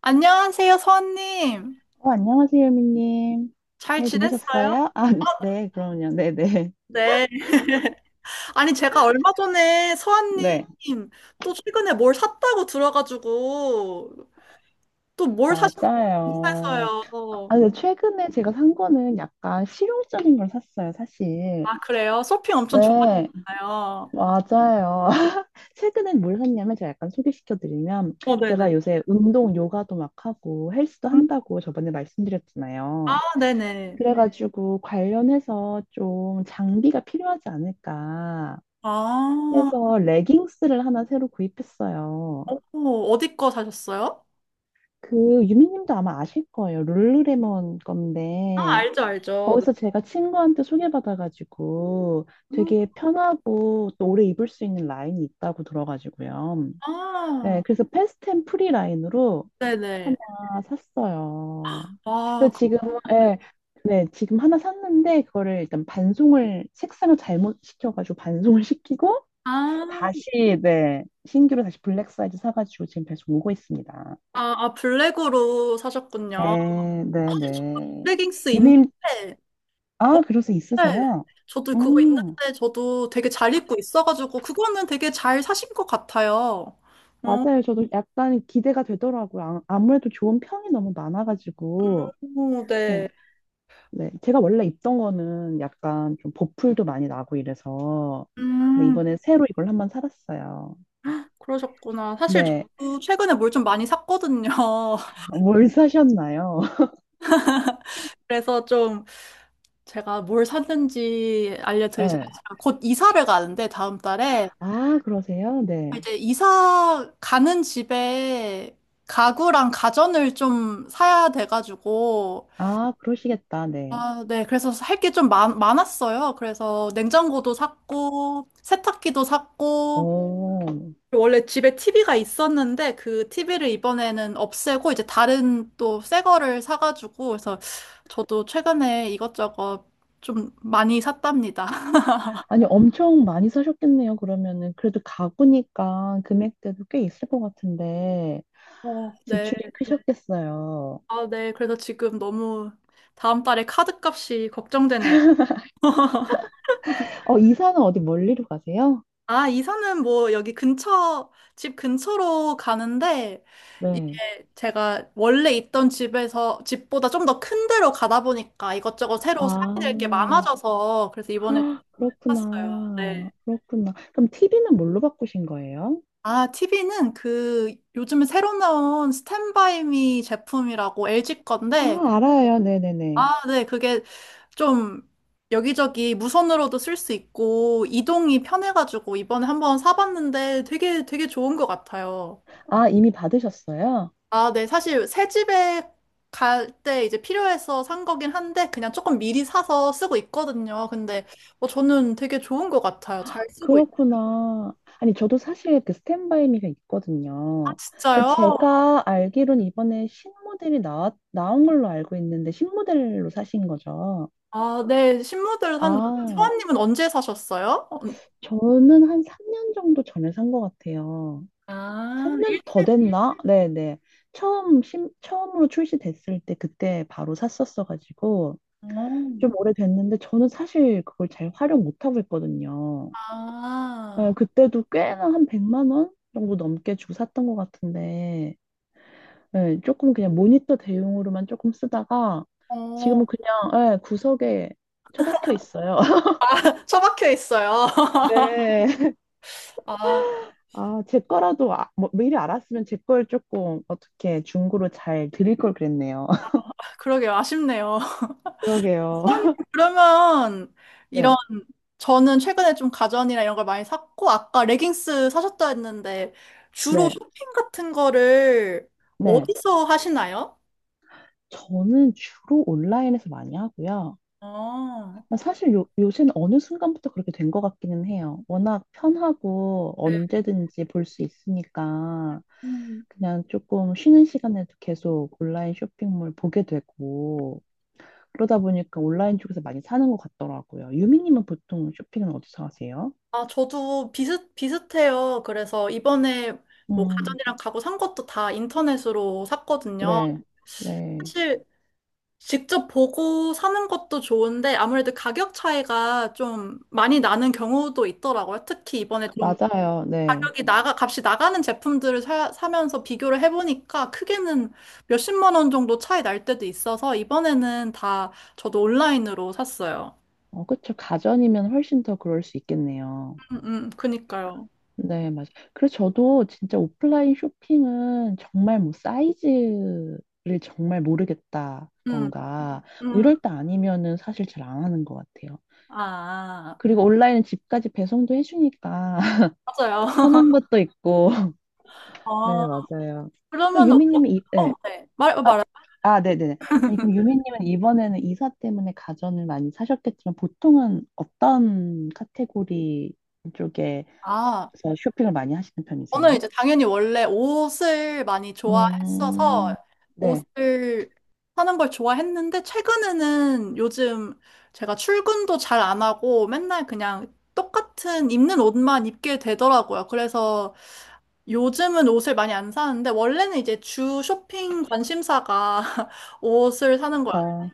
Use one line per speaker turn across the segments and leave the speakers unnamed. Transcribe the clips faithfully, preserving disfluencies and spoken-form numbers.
안녕하세요, 서원님.
어, 안녕하세요, 유미님.
잘
잘
지냈어요?
지내셨어요? 아, 네, 그럼요. 네네.
네. 아니, 제가 얼마 전에 서원님
네,
또 최근에 뭘 샀다고 들어가지고 또 뭘 사셨는지
맞아요.
궁금해서요.
아, 근데 최근에 제가 산 거는 약간 실용적인 걸 샀어요, 사실.
아, 그래요? 쇼핑 엄청 좋아하
네,
시아요
맞아요. 최근에 뭘 샀냐면 제가 약간 소개시켜드리면
어, 네네.
제가 요새 운동, 요가도 막 하고 헬스도
음.
한다고 저번에
아,
말씀드렸잖아요.
네네.
그래가지고 관련해서 좀 장비가 필요하지 않을까
아,
해서 레깅스를 하나 새로 구입했어요.
어, 어디 거 사셨어요?
그 유미님도 아마 아실 거예요. 룰루레몬
아,
건데
알죠, 알죠. 네.
거기서 제가 친구한테 소개받아가지고
음,
되게 편하고 또 오래 입을 수 있는 라인이 있다고 들어가지고요.
아,
네, 그래서 패스트 앤 프리 라인으로 하나
네네.
샀어요.
아,
그래서
그-
지금은 네, 네, 지금 하나 샀는데 그거를 일단 반송을 색상을 잘못 시켜가지고 반송을 시키고
아,
다시 네, 신규로 다시 블랙 사이즈 사가지고 지금 배송 오고 있습니다.
아, 아, 블랙으로 사셨군요.
네, 네,
사실 저도
네.
레깅스 있는데,
유민,
어,
아, 그래서
네.
있으세요?
저도 그거 있는데,
음,
저도 되게 잘 입고 있어가지고, 그거는 되게 잘 사신 것 같아요. 어,
맞아요. 저도 약간 기대가 되더라고요. 아- 아무래도 좋은 평이 너무 많아가지고.
네.
네, 네. 제가 원래 입던 거는 약간 좀 보풀도 많이 나고 이래서. 근데
음.
이번에 새로 이걸 한번 살았어요.
그러셨구나. 사실
네.
저도 최근에 뭘 좀 많이 샀거든요.
뭘 사셨나요?
그래서 좀 제가 뭘 샀는지 알려드리자면,
네.
제가 곧 이사를 가는데, 다음 달에.
아, 그러세요? 네.
이제 이사 가는 집에 가구랑 가전을 좀 사야 돼가지고,
아, 그러시겠다. 네.
아, 네. 그래서 할 게 좀 많았어요. 그래서 냉장고도 샀고, 세탁기도 샀고,
오.
원래 집에 티비가 있었는데 그 티비를 이번에는 없애고 이제 다른 또 새 거를 사가지고 그래서 저도 최근에 이것저것 좀 많이 샀답니다.
아니, 엄청 많이 사셨겠네요, 그러면은. 그래도 가구니까 금액대도 꽤 있을 것 같은데,
어, 네.
지출이 크셨겠어요.
아, 네. 그래서 지금 너무 다음 달에 카드 값이 걱정되네요.
어, 이사는 어디 멀리로 가세요?
아, 이사는 뭐 여기 근처, 집 근처로 가는데, 이게
네.
제가 원래 있던 집에서, 집보다 좀 더 큰 데로 가다 보니까 이것저것 새로 사야 될 게
아,
많아져서, 그래서 이번에
헉,
샀어요. 네.
그렇구나. 그렇구나. 그럼 티비는 뭘로 바꾸신 거예요?
아, 티비는 그 요즘에 새로 나온 스탠바이미 제품이라고 엘지 건데,
아, 알아요. 네네네.
아, 네, 그게 좀 여기저기 무선으로도 쓸 수 있고, 이동이 편해가지고 이번에 한번 사봤는데 되게 되게 좋은 것 같아요.
아, 이미 받으셨어요?
아, 네. 사실 새 집에 갈 때 이제 필요해서 산 거긴 한데 그냥 조금 미리 사서 쓰고 있거든요. 근데 뭐 저는 되게 좋은 것 같아요. 잘 쓰고 있.
그렇구나. 아니, 저도 사실 그 스탠바이 미가 있거든요. 근데
진짜요?
제가 알기로는 이번에 신모델이 나, 나온 걸로 알고 있는데, 신모델로 사신 거죠?
아, 네. 신문들 샀는데
아,
소아님은 언제 사셨어요? 언-
저는 한 삼 년 정도 전에 산 것 같아요.
아, 일,
삼 년 더 됐나? 네네. 처음, 신, 처음으로 출시됐을 때 그때 바로 샀었어가지고,
어.
좀 오래됐는데, 저는 사실 그걸 잘 활용 못하고 있거든요. 예,
아,
그때도 꽤나 한 백만 원 정도 넘게 주고 샀던 것 같은데, 예, 조금 그냥 모니터 대용으로만 조금 쓰다가,
어,
지금은 그냥, 예, 구석에 처박혀 있어요.
처박혀 있어요.
네.
아,
아, 제 거라도, 아, 뭐, 미리 알았으면 제 걸 조금 어떻게 중고로 잘 드릴 걸 그랬네요.
그러게요. 아쉽네요.
그러게요.
선생님, 그러면 이런
네,
저는 최근에 좀 가전이나 이런 걸 많이 샀고 아까 레깅스 사셨다 했는데 주로
네,
쇼핑 같은 거를
네.
어디서 하시나요?
저는 주로 온라인에서 많이 하고요.
아,
아, 사실 요, 요새는 어느 순간부터 그렇게 된 것 같기는 해요. 워낙 편하고
네.
언제든지 볼 수 있으니까
음.
그냥 조금 쉬는 시간에도 계속 온라인 쇼핑몰 보게 되고 그러다 보니까 온라인 쪽에서 많이 사는 것 같더라고요. 유미님은 보통 쇼핑은 어디서 하세요?
아, 저도 비슷 비슷해요. 그래서 이번에 뭐
음,
가전이랑 가구 산 것도 다 인터넷으로 샀거든요.
네, 네.
사실 직접 보고 사는 것도 좋은데 아무래도 가격 차이가 좀 많이 나는 경우도 있더라고요. 특히 이번에 좀
맞아요. 네.
가격이 나가, 값이 나가는 제품들을 사, 사면서 비교를 해보니까 크게는 몇십만 원 정도 차이 날 때도 있어서 이번에는 다 저도 온라인으로 샀어요.
어, 그쵸. 가전이면 훨씬 더 그럴 수 있겠네요.
음, 음, 그니까요.
네, 맞아요. 그래서 저도 진짜 오프라인 쇼핑은 정말 뭐 사이즈를 정말
음,
모르겠다던가 뭐
음,
이럴 때 아니면은 사실 잘 안 하는 것 같아요.
아, 아, 아.
그리고 온라인은 집까지 배송도 해주니까
맞아요.
편한 것도 있고. 네,
어,
맞아요. 그럼
그러면,
유
어,
미님은 이-
어,
네.
네. 말, 말해.
아, 네네네. 아니, 그럼 유미님은 이번에는 이사 때문에 가전을 많이 사셨겠지만 보통은 어떤 카테고리 쪽에서
아.
쇼핑을 많이 하시는
저는
편이세요?
이제 당연히 원래 옷을 많이 좋아했어서
음, 네.
옷을 사는 걸 좋아했는데 최근에는 요즘 제가 출근도 잘 안 하고 맨날 그냥 똑같은 입는 옷만 입게 되더라고요. 그래서 요즘은 옷을 많이 안 사는데 원래는 이제 주 쇼핑 관심사가 옷을 사는 거예요.
그렇죠.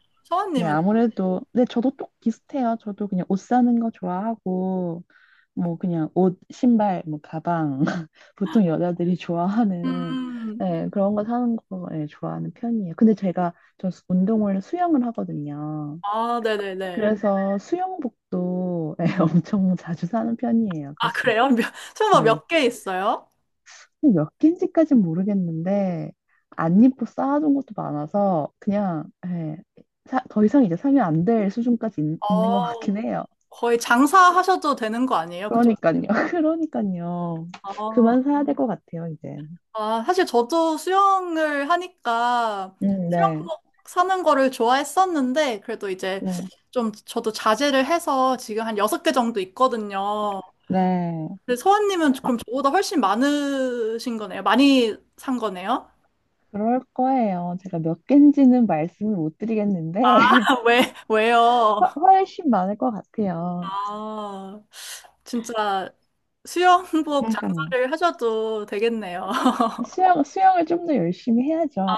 네,
서원님은?
아무래도 네, 저도 똑 비슷해요. 저도 그냥 옷 사는 거 좋아하고 뭐 그냥 옷, 신발, 뭐 가방 보통 여자들이 좋아하는
음,
네, 그런 거 사는 거 네, 좋아하는 편이에요. 근데 제가 저 수- 운동을 수영을 하거든요.
아, 네네네.
그래서 수영복도 예, 엄청 자주 사는 편이에요,
아,
사실.
그래요? 몇, 설마
네.
몇 개 있어요?
몇 개인지까진 모르겠는데 안 입고 쌓아둔 것도 많아서 그냥 예, 사- 더 이상 이제 사면 안 될 수준까지 있, 는것
어,
같긴 해요.
거의 장사하셔도 되는 거 아니에요? 그죠?
그러니까요. 그러니까요.
아,
그만 사야 될 것 같아요, 이제.
아, 사실 저도 수영을 하니까
음, 네.
수영복 사는 거를 좋아했었는데, 그래도 이제
네.
좀 저도 자제를 해서 지금 한 여섯 개 정도 있거든요.
네.
근데 서원님은
아,
그럼 저보다 훨씬 많으신 거네요? 많이 산 거네요?
그럴 거예요. 제가 몇 개인지는 말씀을 못 드리겠는데
왜,
훨-
왜요?
훨씬 많을 것 같아요.
아, 진짜 수영복
그러니까요.
장사를 하셔도 되겠네요.
수영, 수영을 좀 더 열심히 해야죠.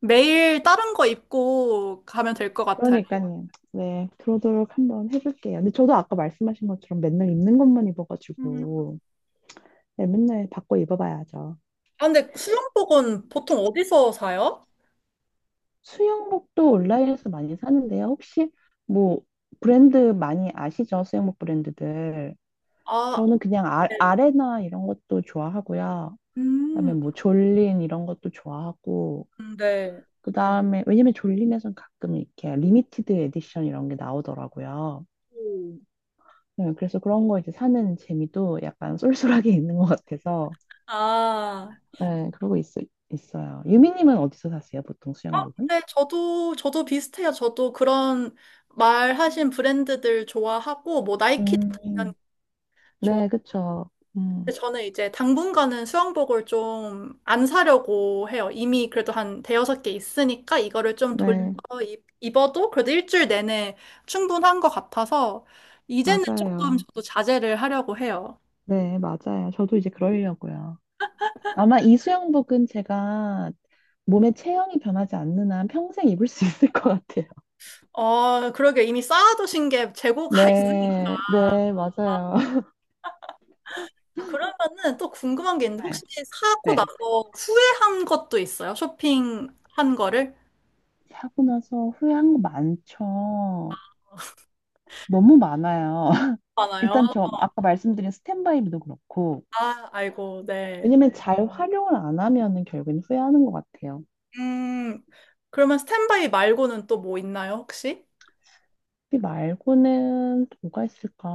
매일 다른 거 입고 가면 될 것 같아요.
그러니까요. 네, 그러도록 한번 해볼게요. 근데 저도 아까 말씀하신 것처럼 맨날 입는 것만 입어가지고, 네, 맨날 바꿔 입어봐야죠.
아, 근데 수영복은 보통 어디서 사요?
수영복도 온라인에서 많이 사는데요. 혹시 뭐 브랜드 많이 아시죠? 수영복 브랜드들.
아,
저는 그냥 아,
네.
아레나 이런 것도 좋아하고요. 그다음에
음,
뭐 졸린 이런 것도 좋아하고,
네.
그다음에 왜냐면 졸린에선 가끔 이렇게 리미티드 에디션 이런 게 나오더라고요.
오.
네, 그래서 그런 거 이제 사는 재미도 약간 쏠쏠하게 있는 것 같아서,
아,
네, 그러고 있, 있어요. 유미님은 어디서 사세요, 보통 수영복은?
네, 저도, 저도 비슷해요. 저도 그런 말하신 브랜드들 좋아하고, 뭐, 나이키도 당연히
음, 네,
좋아하는데,
그쵸. 음,
저는 이제 당분간은 수영복을 좀 안 사려고 해요. 이미 그래도 한 대여섯 개 있으니까, 이거를 좀 돌려
네, 음.
입- 입어도 그래도 일주일 내내 충분한 것 같아서, 이제는 조금
맞아요.
저도 자제를 하려고 해요.
네, 맞아요. 저도 이제 그러려고요. 아마 이 수영복은 제가 몸의 체형이 변하지 않는 한 평생 입을 수 있을 것 같아요.
어, 그러게 이미 쌓아두신 게 재고가 있으니까
네, 네, 맞아요.
그러면은 또 궁금한 게 있는데
네,
혹시 사고
네.
나서 후회한 것도 있어요? 쇼핑한 거를?
사고 나서 후회한 거 많죠. 너무 많아요.
많아요.
일단 저 아까 말씀드린 스탠바이도 그렇고,
아, 아이고, 네.
왜냐면 잘 활용을 안 하면은 결국엔 후회하는 것 같아요.
음, 그러면 스탠바이 말고는 또 뭐 있나요, 혹시?
이 말고는 또 뭐가 있을까?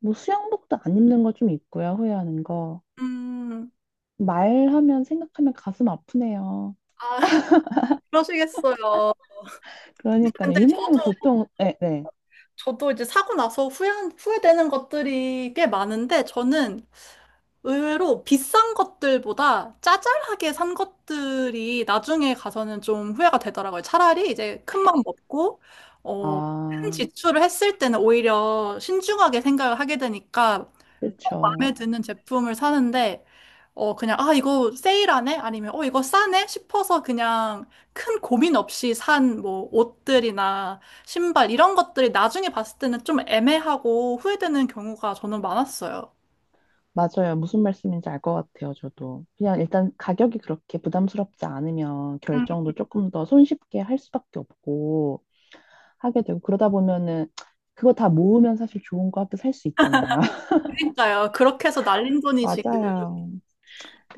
뭐 수영복도 안 입는 거 좀 있고요, 후회하는 거.
음,
말하면 생각하면 가슴 아프네요.
아, 그러시겠어요.
그러니까요.
근데 저,
유미님은 보통, 네, 네.
저도 이제 사고 나서 후회, 후회되는 것들이 꽤 많은데 저는 의외로 비싼 것들보다 짜잘하게 산 것들이 나중에 가서는 좀 후회가 되더라고요. 차라리 이제 큰맘 먹고, 어, 큰
아,
지출을 했을 때는 오히려 신중하게 생각을 하게 되니까
그렇죠.
마음에 드는 제품을 사는데, 어, 그냥, 아, 이거 세일하네? 아니면, 어, 이거 싸네? 싶어서 그냥 큰 고민 없이 산 뭐 옷들이나 신발 이런 것들이 나중에 봤을 때는 좀 애매하고 후회되는 경우가 저는 많았어요.
맞아요. 무슨 말씀인지 알 것 같아요, 저도. 그냥 일단 가격이 그렇게 부담스럽지 않으면 결정도 조금 더 손쉽게 할 수밖에 없고 하게 되고 그러다 보면은 그거 다 모으면 사실 좋은 거 학교 살 수 있잖아요.
그러니까요. 그렇게 해서 날린 돈이 지금.
맞아요.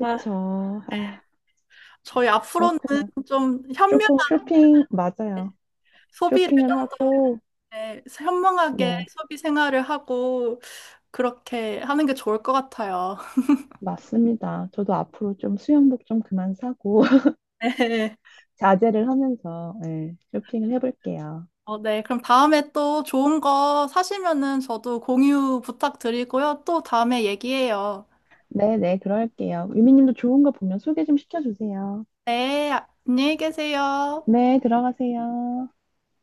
아,
아,
저희 앞으로는
그렇구나.
좀 현명한
조금 쇼핑, 맞아요.
소비를
쇼핑을
좀더
하고,
현명하게
네,
소비 생활을 하고 그렇게 하는 게 좋을 것 같아요.
맞습니다. 저도 앞으로 좀 수영복 좀 그만 사고
네.
자제를 하면서 네, 쇼핑을 해볼게요.
어, 네. 그럼 다음에 또 좋은 거 사시면은 저도 공유 부탁드리고요. 또 다음에 얘기해요.
네네, 그럴게요. 유미님도 좋은 거 보면 소개 좀 시켜주세요.
네. 안녕히 계세요.
네, 들어가세요.